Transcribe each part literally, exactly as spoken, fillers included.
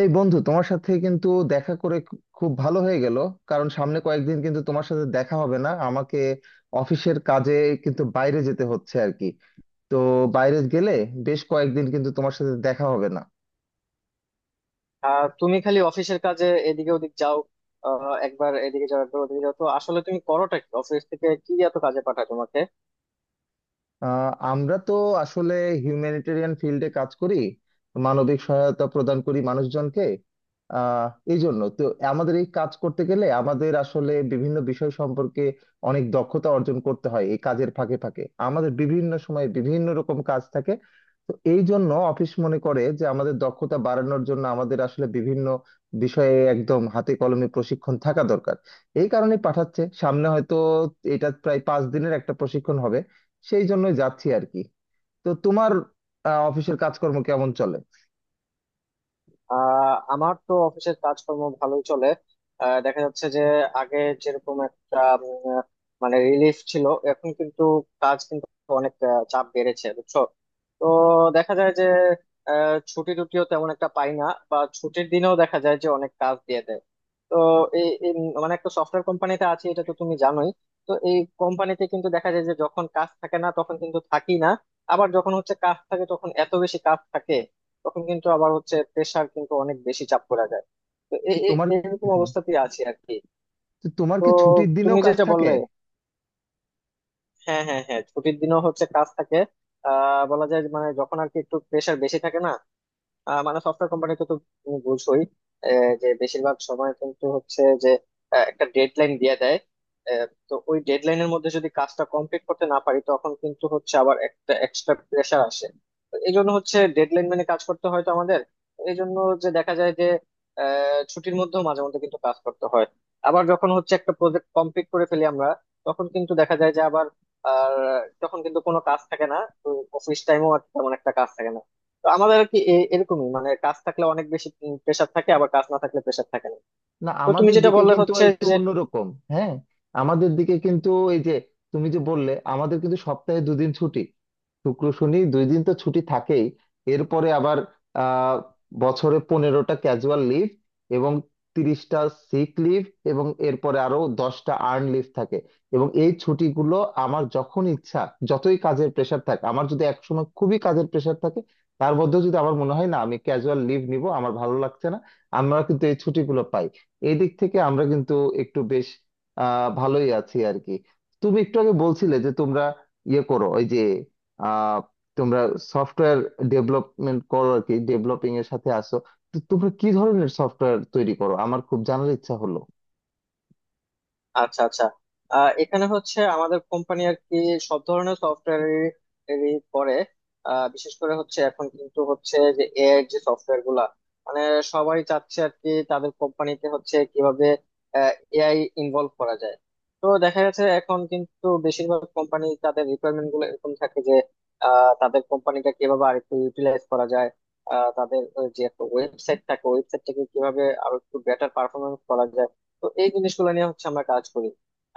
এই বন্ধু তোমার সাথে কিন্তু দেখা করে খু- খুব ভালো হয়ে গেল, কারণ সামনে কয়েকদিন কিন্তু তোমার সাথে দেখা হবে না। আমাকে অফিসের কাজে কিন্তু বাইরে যেতে হচ্ছে আর কি। তো বাইরে গেলে বেশ কয়েকদিন কিন্তু তোমার সাথে দেখা হবে না। আহ তুমি খালি অফিসের কাজে এদিকে ওদিক যাও। আহ একবার এদিকে যাও একবার ওদিকে যাও, তো আসলে তুমি করোটা কি? অফিস থেকে কি এত কাজে পাঠায় তোমাকে? আহ, আমরা তো আসলে হিউম্যানিটেরিয়ান ফিল্ডে কাজ করি, মানবিক সহায়তা প্রদান করি মানুষজনকে। আহ এই জন্য তো আমাদের এই কাজ করতে গেলে আমাদের আসলে বিভিন্ন বিষয় সম্পর্কে অনেক দক্ষতা অর্জন করতে হয়। এই কাজের ফাঁকে ফাঁকে আমাদের বিভিন্ন সময় বিভিন্ন রকম কাজ থাকে। তো এই জন্য অফিস মনে করে যে আমাদের দক্ষতা বাড়ানোর জন্য আমাদের আসলে বিভিন্ন বিষয়ে একদম হাতে কলমে প্রশিক্ষণ থাকা দরকার। এই কারণে পাঠাচ্ছে, সামনে হয়তো এটা প্রায় পাঁচ দিনের একটা প্রশিক্ষণ হবে। সেই জন্যই যাচ্ছি আর কি। তো তোমার আহ, অফিসের কাজকর্ম কেমন চলে? আহ আমার তো অফিসের কাজকর্ম ভালোই চলে। আহ, দেখা যাচ্ছে যে আগে যেরকম একটা উম, আহ, মানে রিলিফ ছিল, এখন কিন্তু কাজ কিন্তু অনেক আহ, চাপ বেড়েছে বুঝছো। তো দেখা যায় যে আহ, ছুটি টুটিও তেমন একটা পাই না, বা ছুটির দিনেও দেখা যায় যে অনেক কাজ দিয়ে দেয়। তো এই এই মানে একটা সফটওয়্যার কোম্পানিতে আছি, এটা তো তুমি জানোই। তো এই কোম্পানিতে কিন্তু দেখা যায় যে যখন কাজ থাকে না তখন কিন্তু থাকি না, আবার যখন হচ্ছে কাজ থাকে তখন এত বেশি কাজ থাকে তখন কিন্তু আবার হচ্ছে প্রেসার কিন্তু অনেক বেশি চাপ পড়ে যায়। তো এ- এ- তোমার এরকম হ্যাঁ। অবস্থাতেই আছি আর কি। তো তোমার তো কি ছুটির দিনেও তুমি কাজ যেটা থাকে? বললে, হ্যাঁ হ্যাঁ হ্যাঁ, ছুটির দিনও হচ্ছে কাজ থাকে। আহ বলা যায় যে মানে যখন আর কি একটু প্রেসার বেশি থাকে না, আহ, মানে সফটওয়্যার কোম্পানিতে তো তুমি বুঝোই, আহ, যে বেশিরভাগ সময় কিন্তু হচ্ছে যে আহ, একটা ডেডলাইন দিয়ে দেয়। আহ, তো ওই ডেডলাইনের মধ্যে যদি কাজটা কমপ্লিট করতে না পারি তখন কিন্তু হচ্ছে আবার একটা এক্সট্রা প্রেশার আসে। তো এই জন্য হচ্ছে ডেডলাইন মেনে কাজ করতে হয় তো আমাদের। এই জন্য যে দেখা যায় যে আহ, ছুটির মধ্যেও মাঝে মধ্যে কিন্তু কাজ করতে হয়। আবার যখন হচ্ছে একটা প্রজেক্ট কমপ্লিট করে ফেলি আমরা, তখন কিন্তু দেখা যায় যে আবার, আর তখন কিন্তু কোনো কাজ থাকে না, অফিস টাইমও আর তেমন একটা কাজ থাকে না। তো আমাদের আর কি এ- এরকমই মানে কাজ থাকলে অনেক বেশি প্রেশার থাকে, আবার কাজ না থাকলে প্রেশার থাকে না। না, তো তুমি আমাদের যেটা দিকে বললে কিন্তু হচ্ছে একটু যে অন্যরকম। হ্যাঁ, আমাদের দিকে কিন্তু এই যে তুমি যে বললে, আমাদের কিন্তু সপ্তাহে দুদিন ছুটি। শুক্র শনি দুই দিন তো ছুটি থাকেই। এরপরে আবার আহ বছরে পনেরোটা ক্যাজুয়াল লিভ এবং তিরিশটা সিক লিভ, এবং এরপরে আরো দশটা আর্ন লিভ থাকে। এবং এই ছুটিগুলো আমার যখন ইচ্ছা, যতই কাজের প্রেশার থাকে, আমার যদি একসময় খুবই কাজের প্রেশার থাকে, তার মধ্যেও যদি আমার মনে হয় না আমি ক্যাজুয়াল লিভ নিব, আমার ভালো লাগছে না, আমরা কিন্তু এই ছুটিগুলো পাই। এদিক থেকে আমরা কিন্তু একটু বেশ আহ ভালোই আছি আর কি। তুমি একটু আগে বলছিলে যে তোমরা ইয়ে করো, ওই যে আহ তোমরা সফটওয়্যার ডেভেলপমেন্ট করো আর কি, ডেভেলপিং এর সাথে আসো। তো তোমরা কি ধরনের সফটওয়্যার তৈরি করো আমার খুব জানার ইচ্ছা হলো। আচ্ছা আচ্ছা, আহ, এখানে হচ্ছে আমাদের কোম্পানি আর কি সব ধরনের সফটওয়্যার করে। আহ, বিশেষ করে হচ্ছে এখন কিন্তু হচ্ছে যে এআই যে সফটওয়্যার গুলা, মানে সবাই চাচ্ছে আর কি তাদের কোম্পানিতে হচ্ছে কিভাবে এআই ইনভলভ করা যায়। তো দেখা যাচ্ছে এখন কিন্তু বেশিরভাগ কোম্পানি তাদের রিকোয়ারমেন্ট গুলো এরকম থাকে যে আহ, তাদের কোম্পানিটা কিভাবে আর একটু ইউটিলাইজ করা যায়, আহ, তাদের ওই যে একটা ওয়েবসাইট থাকে ওয়েবসাইটটাকে কিভাবে আরো একটু বেটার পারফরমেন্স করা যায়। তো এই জিনিসগুলো নিয়ে হচ্ছে আমরা কাজ করি।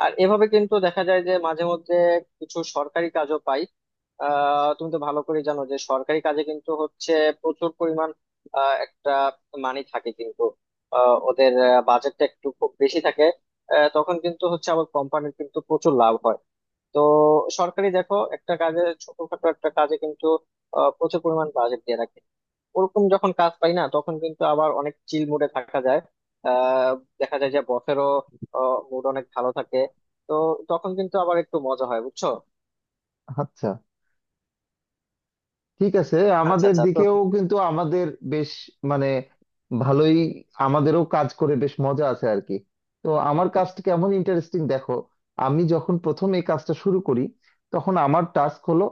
আর এভাবে কিন্তু দেখা যায় যে মাঝে মধ্যে কিছু সরকারি কাজও পাই। আহ তুমি তো ভালো করে জানো যে সরকারি কাজে কিন্তু হচ্ছে প্রচুর পরিমাণ আহ, একটা মানি থাকে কিন্তু, আহ, ওদের বাজেটটা একটু খুব বেশি থাকে। আহ, তখন কিন্তু হচ্ছে আবার কোম্পানির কিন্তু প্রচুর লাভ হয়। তো সরকারি দেখো একটা কাজে ছোটখাটো একটা কাজে কিন্তু আহ, প্রচুর পরিমাণ বাজেট দিয়ে রাখে। ওরকম যখন কাজ পাই না তখন কিন্তু আবার অনেক চিল মুডে থাকা যায়। আহ দেখা যায় যে বসেরও মুড অনেক ভালো থাকে। তো তখন কিন্তু আবার একটু মজা হয় বুঝছো। আচ্ছা, ঠিক আছে। আচ্ছা আমাদের আচ্ছা তো দিকেও কিন্তু আমাদের বেশ মানে ভালোই, আমাদেরও কাজ করে বেশ মজা আছে আর কি। তো আমার কাজটা কেমন ইন্টারেস্টিং দেখো, আমি যখন প্রথম এই কাজটা শুরু করি তখন আমার টাস্ক হলো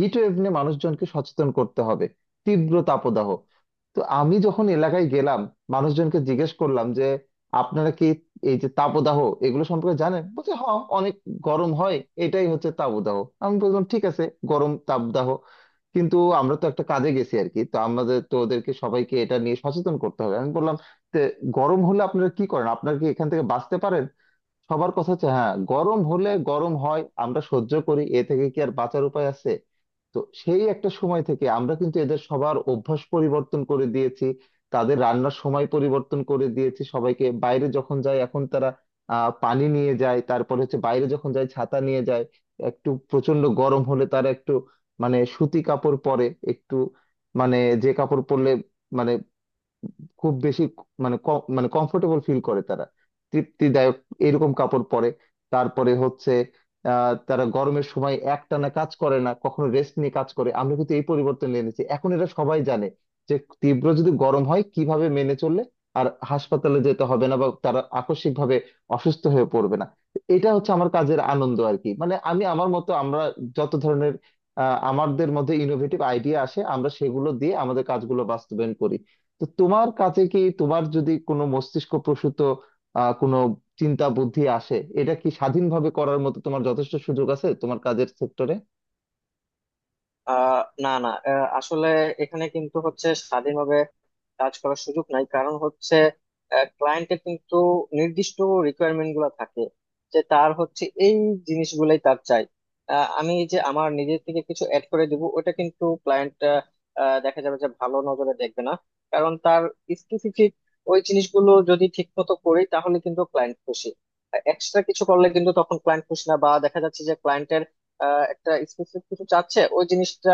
হিট ওয়েভ নিয়ে মানুষজনকে সচেতন করতে হবে, তীব্র তাপদাহ। তো আমি যখন এলাকায় গেলাম মানুষজনকে জিজ্ঞেস করলাম যে আপনারা কি এই যে তাপদাহ এগুলো সম্পর্কে জানেন, বলছে হ্যাঁ অনেক গরম হয়, এটাই হচ্ছে তাপদাহ। আমি বললাম ঠিক আছে, গরম তাপদাহ, কিন্তু আমরা তো একটা কাজে গেছি আর কি, তো আমাদের তো ওদেরকে সবাইকে এটা নিয়ে সচেতন করতে হবে। আমি বললাম "তে গরম হলে আপনারা কি করেন, আপনারা কি এখান থেকে বাঁচতে পারেন? সবার কথা হচ্ছে হ্যাঁ গরম হলে গরম হয়, আমরা সহ্য করি, এ থেকে কি আর বাঁচার উপায় আছে? তো সেই একটা সময় থেকে আমরা কিন্তু এদের সবার অভ্যাস পরিবর্তন করে দিয়েছি, তাদের রান্নার সময় পরিবর্তন করে দিয়েছি, সবাইকে বাইরে যখন যায় এখন তারা আহ পানি নিয়ে যায়, তারপরে হচ্ছে বাইরে যখন যায় ছাতা নিয়ে যায়। একটু প্রচন্ড গরম হলে তারা একটু মানে সুতি কাপড় পরে, একটু মানে যে কাপড় পরলে মানে খুব বেশি মানে কম মানে কমফোর্টেবল ফিল করে তারা, তৃপ্তিদায়ক এরকম কাপড় পরে। তারপরে হচ্ছে আহ তারা গরমের সময় একটানা কাজ করে না, কখনো রেস্ট নিয়ে কাজ করে। আমরা কিন্তু এই পরিবর্তন এনেছি, এখন এটা সবাই জানে যে তীব্র যদি গরম হয় কিভাবে মেনে চললে আর হাসপাতালে যেতে হবে না বা তারা আকস্মিকভাবে অসুস্থ হয়ে পড়বে না। এটা হচ্ছে আমার কাজের আনন্দ আর কি। মানে আমি আমার মতো, আমরা যত ধরনের আহ আমাদের মধ্যে ইনোভেটিভ আইডিয়া আসে আমরা সেগুলো দিয়ে আমাদের কাজগুলো বাস্তবায়ন করি। তো তোমার কাছে কি, তোমার যদি কোনো মস্তিষ্ক প্রসূত আহ কোনো চিন্তা বুদ্ধি আসে, এটা কি স্বাধীনভাবে করার মতো তোমার যথেষ্ট সুযোগ আছে তোমার কাজের সেক্টরে? আহ না না, আহ, আসলে এখানে কিন্তু হচ্ছে স্বাধীনভাবে কাজ করার সুযোগ নাই। কারণ হচ্ছে ক্লায়েন্টের কিন্তু নির্দিষ্ট রিকোয়ারমেন্ট গুলো থাকে, যে তার হচ্ছে এই জিনিসগুলোই তার চাই। আহ, আমি যে আমার নিজের থেকে কিছু অ্যাড করে দিব ওটা কিন্তু ক্লায়েন্ট দেখা যাবে যে ভালো নজরে দেখবে না। কারণ তার স্পেসিফিক ওই জিনিসগুলো যদি ঠিক মতো করি তাহলে কিন্তু ক্লায়েন্ট খুশি, এক্সট্রা কিছু করলে কিন্তু তখন ক্লায়েন্ট খুশি না। বা দেখা যাচ্ছে যে ক্লায়েন্টের আহ, একটা স্পেসিফিক কিছু চাচ্ছে, ওই জিনিসটা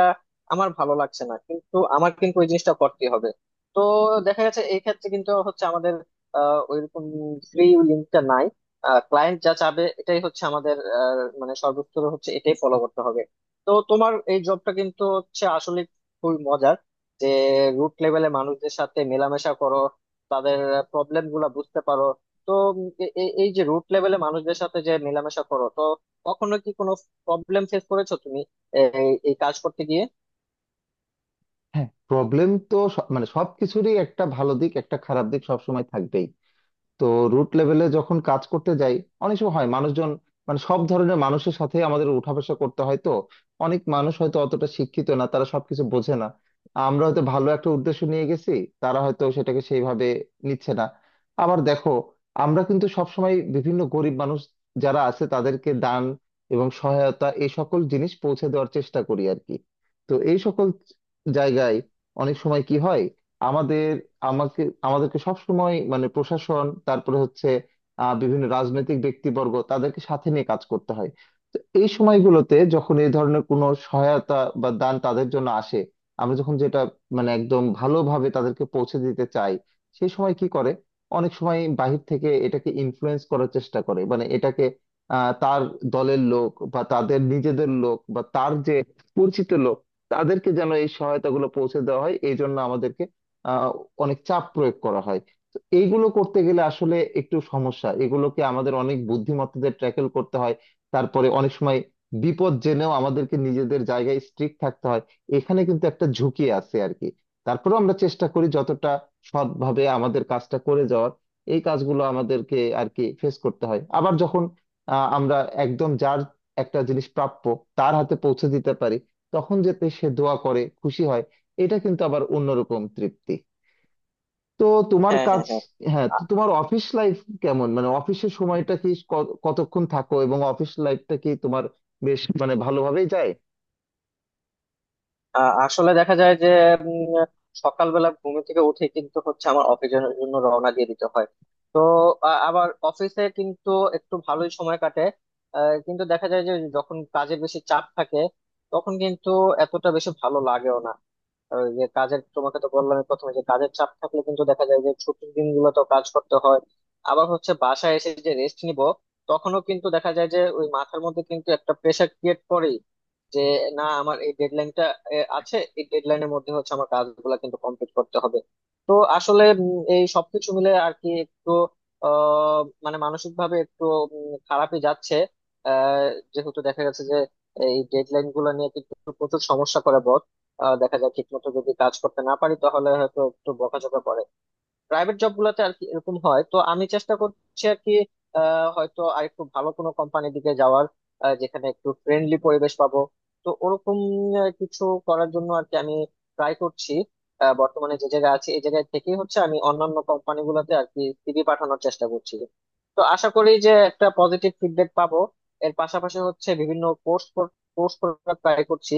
আমার ভালো লাগছে না, কিন্তু আমার কিন্তু ওই জিনিসটা করতে হবে। তো দেখা যাচ্ছে এই ক্ষেত্রে কিন্তু হচ্ছে আমাদের আহ, ওইরকম ফ্রি লিঙ্কটা নাই। ক্লায়েন্ট যা চাবে এটাই হচ্ছে আমাদের আহ, মানে সর্বোচ্চ হচ্ছে এটাই ফলো করতে হবে। তো তোমার এই জবটা কিন্তু হচ্ছে আসলে খুবই মজার, যে রুট লেভেলে মানুষদের সাথে মেলামেশা করো, তাদের প্রবলেম গুলা বুঝতে পারো। তো উম, এ- এ- এই যে রুট লেভেলে মানুষদের সাথে যে মেলামেশা করো, তো কখনো কি কোনো প্রবলেম ফেস করেছো তুমি এই এই কাজ করতে গিয়ে? হ্যাঁ প্রবলেম তো স- মানে সবকিছুরই একটা ভালো দিক একটা খারাপ দিক সবসময় থাকবেই। তো রুট লেভেলে যখন কাজ করতে যাই অনেক সময় হয় মানুষজন, মানে সব ধরনের মানুষের সাথে আমাদের উঠাবসা করতে হয়, তো অনেক মানুষ হয়তো অতটা শিক্ষিত না, তারা সবকিছু বোঝে না। আমরা হয়তো ভালো একটা উদ্দেশ্য নিয়ে গেছি, তারা হয়তো সেটাকে সেইভাবে নিচ্ছে না। আবার দেখো, আমরা কিন্তু সবসময় বিভিন্ন গরিব মানুষ যারা আছে তাদেরকে দান এবং সহায়তা এই সকল জিনিস পৌঁছে দেওয়ার চেষ্টা করি আর কি। তো এই সকল জায়গায় অনেক সময় কি হয়, আমাদের, আমাকে, আমাদেরকে সবসময় মানে প্রশাসন, তারপরে হচ্ছে আহ, বিভিন্ন রাজনৈতিক ব্যক্তিবর্গ, তাদেরকে সাথে নিয়ে কাজ করতে হয়। তো এই সময়গুলোতে যখন এই ধরনের কোনো সহায়তা বা দান তাদের জন্য আসে, আমরা যখন যেটা মানে একদম ভালোভাবে তাদেরকে পৌঁছে দিতে চাই, সেই সময় কি করে অনেক সময় বাহির থেকে এটাকে ইনফ্লুয়েন্স করার চেষ্টা করে, মানে এটাকে আহ, তার দলের লোক বা তাদের নিজেদের লোক বা তার যে পরিচিত লোক, তাদেরকে যেন এই সহায়তাগুলো পৌঁছে দেওয়া হয় এই জন্য আমাদেরকে আহ, অনেক চাপ প্রয়োগ করা হয়। তো এইগুলো করতে গেলে আসলে একটু সমস্যা, এগুলোকে আমাদের অনেক বুদ্ধিমত্তাদের ট্যাকেল করতে হয়। তারপরে অনেক সময় বিপদ জেনেও আমাদেরকে নিজেদের জায়গায় স্ট্রিক্ট থাকতে হয়, এখানে কিন্তু একটা ঝুঁকি আছে আর কি। তারপরেও আমরা চেষ্টা করি যতটা সৎভাবে আমাদের কাজটা করে যাওয়ার। এই কাজগুলো আমাদেরকে আর কি ফেস করতে হয়। আবার যখন আহ, আমরা একদম যার একটা জিনিস প্রাপ্য তার হাতে পৌঁছে দিতে পারি, তখন যাতে সে দোয়া করে খুশি হয়, এটা কিন্তু আবার অন্যরকম তৃপ্তি। তো তোমার হ্যাঁ কাজ। হ্যাঁ হ্যাঁ। হ্যাঁ, তো আ- তোমার অফিস লাইফ কেমন, মানে অফিসের সময়টা কি ক- কতক্ষণ থাকো এবং অফিস লাইফটা কি তোমার বেশ মানে ভালোভাবেই যায়? আ- আসলে দেখা যায় যে উম, সকালবেলা ঘুম থেকে উঠে কিন্তু হচ্ছে আমার অফিসের জন্য রওনা দিয়ে দিতে হয়। তো আ- আবার অফিসে কিন্তু একটু ভালোই সময় কাটে। আহ, কিন্তু দেখা যায় যে যখন কাজের বেশি চাপ থাকে তখন কিন্তু এতটা বেশি ভালো লাগেও না। আর ওই যে কাজের, তোমাকে তো বললাম প্রথমে, যে কাজের চাপ থাকলে কিন্তু দেখা যায় যে ছুটির দিনগুলো তো কাজ করতে হয়। আবার হচ্ছে বাসায় এসে যে রেস্ট নিব, তখনও কিন্তু দেখা যায় যে ওই মাথার মধ্যে কিন্তু একটা প্রেশার ক্রিয়েট করেই, যে না আমার এই ডেডলাইনটা আছে, এই ডেডলাইনের মধ্যে হচ্ছে আমার কাজগুলো কিন্তু কমপ্লিট করতে হবে। তো আসলে উম, এই সবকিছু মিলে আর কি একটু আহ মানে মানসিক ভাবে একটু উম, খারাপই যাচ্ছে। আহ যেহেতু দেখা গেছে যে এই ডেডলাইন গুলো নিয়ে কিন্তু প্রচুর সমস্যা করে boss। আহ দেখা যায় ঠিক মতো যদি কাজ করতে না পারি তাহলে হয়তো একটু বকাঝকা করে, প্রাইভেট জব গুলাতে আর কি এরকম হয়। তো আমি চেষ্টা করছি আর কি আহ, হয়তো আর একটু ভালো কোনো কোম্পানির দিকে যাওয়ার, আহ, যেখানে একটু ফ্রেন্ডলি পরিবেশ পাবো। তো ওরকম আহ, কিছু করার জন্য আর কি আমি ট্রাই করছি। আহ, বর্তমানে যে জায়গায় আছি এই জায়গায় থেকেই হচ্ছে আমি অন্যান্য কোম্পানি গুলাতে আর কি সিভি পাঠানোর চেষ্টা করছি। তো আশা করি যে একটা পজিটিভ ফিডব্যাক পাবো। এর পাশাপাশি হচ্ছে বিভিন্ন কোর্স কোর্স করার ট্রাই করছি,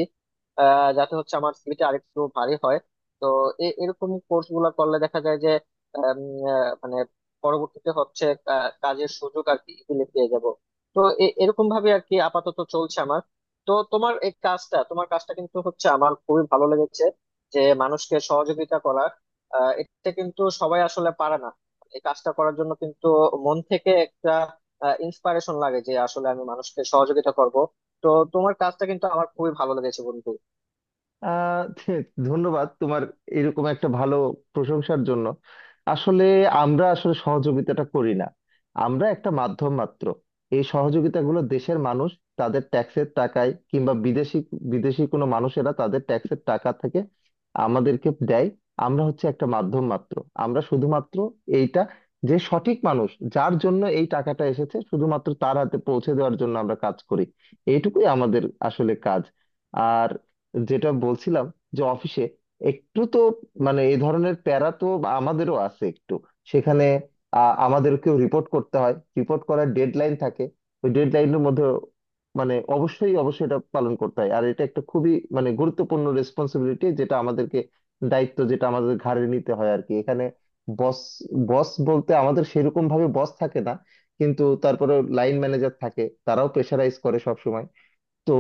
আহ, যাতে হচ্ছে আমার সিভিটা আরেকটু ভারী হয়। তো এ- এরকম কোর্স গুলা করলে দেখা যায় আম, আহ, মানে পরবর্তীতে হচ্ছে কা- কাজের সুযোগ আর কি ইজিলি পেয়ে যাব। তো এ- এরকম ভাবে আর কি আপাতত চলছে আমার। তো তোমার এই কাজটা তোমার কাজটা কিন্তু হচ্ছে আমার খুবই ভালো লেগেছে, যে মানুষকে সহযোগিতা করা, আহ, এটা কিন্তু সবাই আসলে পারে না। এই কাজটা করার জন্য কিন্তু মন থেকে একটা ইন্সপিরেশন লাগে, যে আসলে আমি মানুষকে সহযোগিতা করব। তো তোমার কাজটা কিন্তু আমার খুবই ভালো লেগেছে বন্ধু। আহ ধন্যবাদ তোমার এরকম একটা ভালো প্রশংসার জন্য। আসলে আমরা আসলে সহযোগিতাটা করি না, আমরা একটা মাধ্যম মাত্র। এই সহযোগিতাগুলো দেশের মানুষ তাদের ট্যাক্সের টাকায় কিংবা বিদেশি বিদেশি কোনো মানুষেরা তাদের ট্যাক্সের টাকা থেকে আমাদেরকে দেয়। আমরা হচ্ছে একটা মাধ্যম মাত্র। আমরা শুধুমাত্র এইটা, যে সঠিক মানুষ যার জন্য এই টাকাটা এসেছে শুধুমাত্র তার হাতে পৌঁছে দেওয়ার জন্য আমরা কাজ করি। এইটুকুই আমাদের আসলে কাজ। আর যেটা বলছিলাম যে অফিসে একটু তো মানে এই ধরনের প্যারা তো আমাদেরও আছে একটু। সেখানে আ- আমাদেরকেও রিপোর্ট করতে হয়, রিপোর্ট করার ডেডলাইন থাকে। ওই ডেডলাইনের মধ্যে মানে অবশ্যই অবশ্যই এটা পালন করতে হয়। আর এটা একটা খুবই মানে গুরুত্বপূর্ণ রেসপন্সিবিলিটি, যেটা আমাদেরকে দায়িত্ব যেটা আমাদের ঘাড়ে নিতে হয় আর কি এখানে। বস, বস বলতে আমাদের সেরকম ভাবে বস থাকে না, কিন্তু তারপরে লাইন ম্যানেজার থাকে, তারাও প্রেশারাইজ করে সব। তো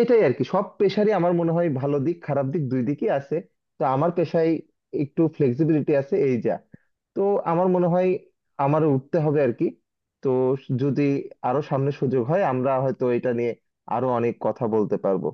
এটাই আর কি, সব পেশারই আমার মনে হয় ভালো দিক খারাপ দিক দুই দিকই আছে। তো আমার পেশায় একটু ফ্লেক্সিবিলিটি আছে এই যা। তো আমার মনে হয় আমারও উঠতে হবে আর কি। তো যদি আরো সামনে সুযোগ হয় আমরা হয়তো এটা নিয়ে আরো অনেক কথা বলতে পারবো।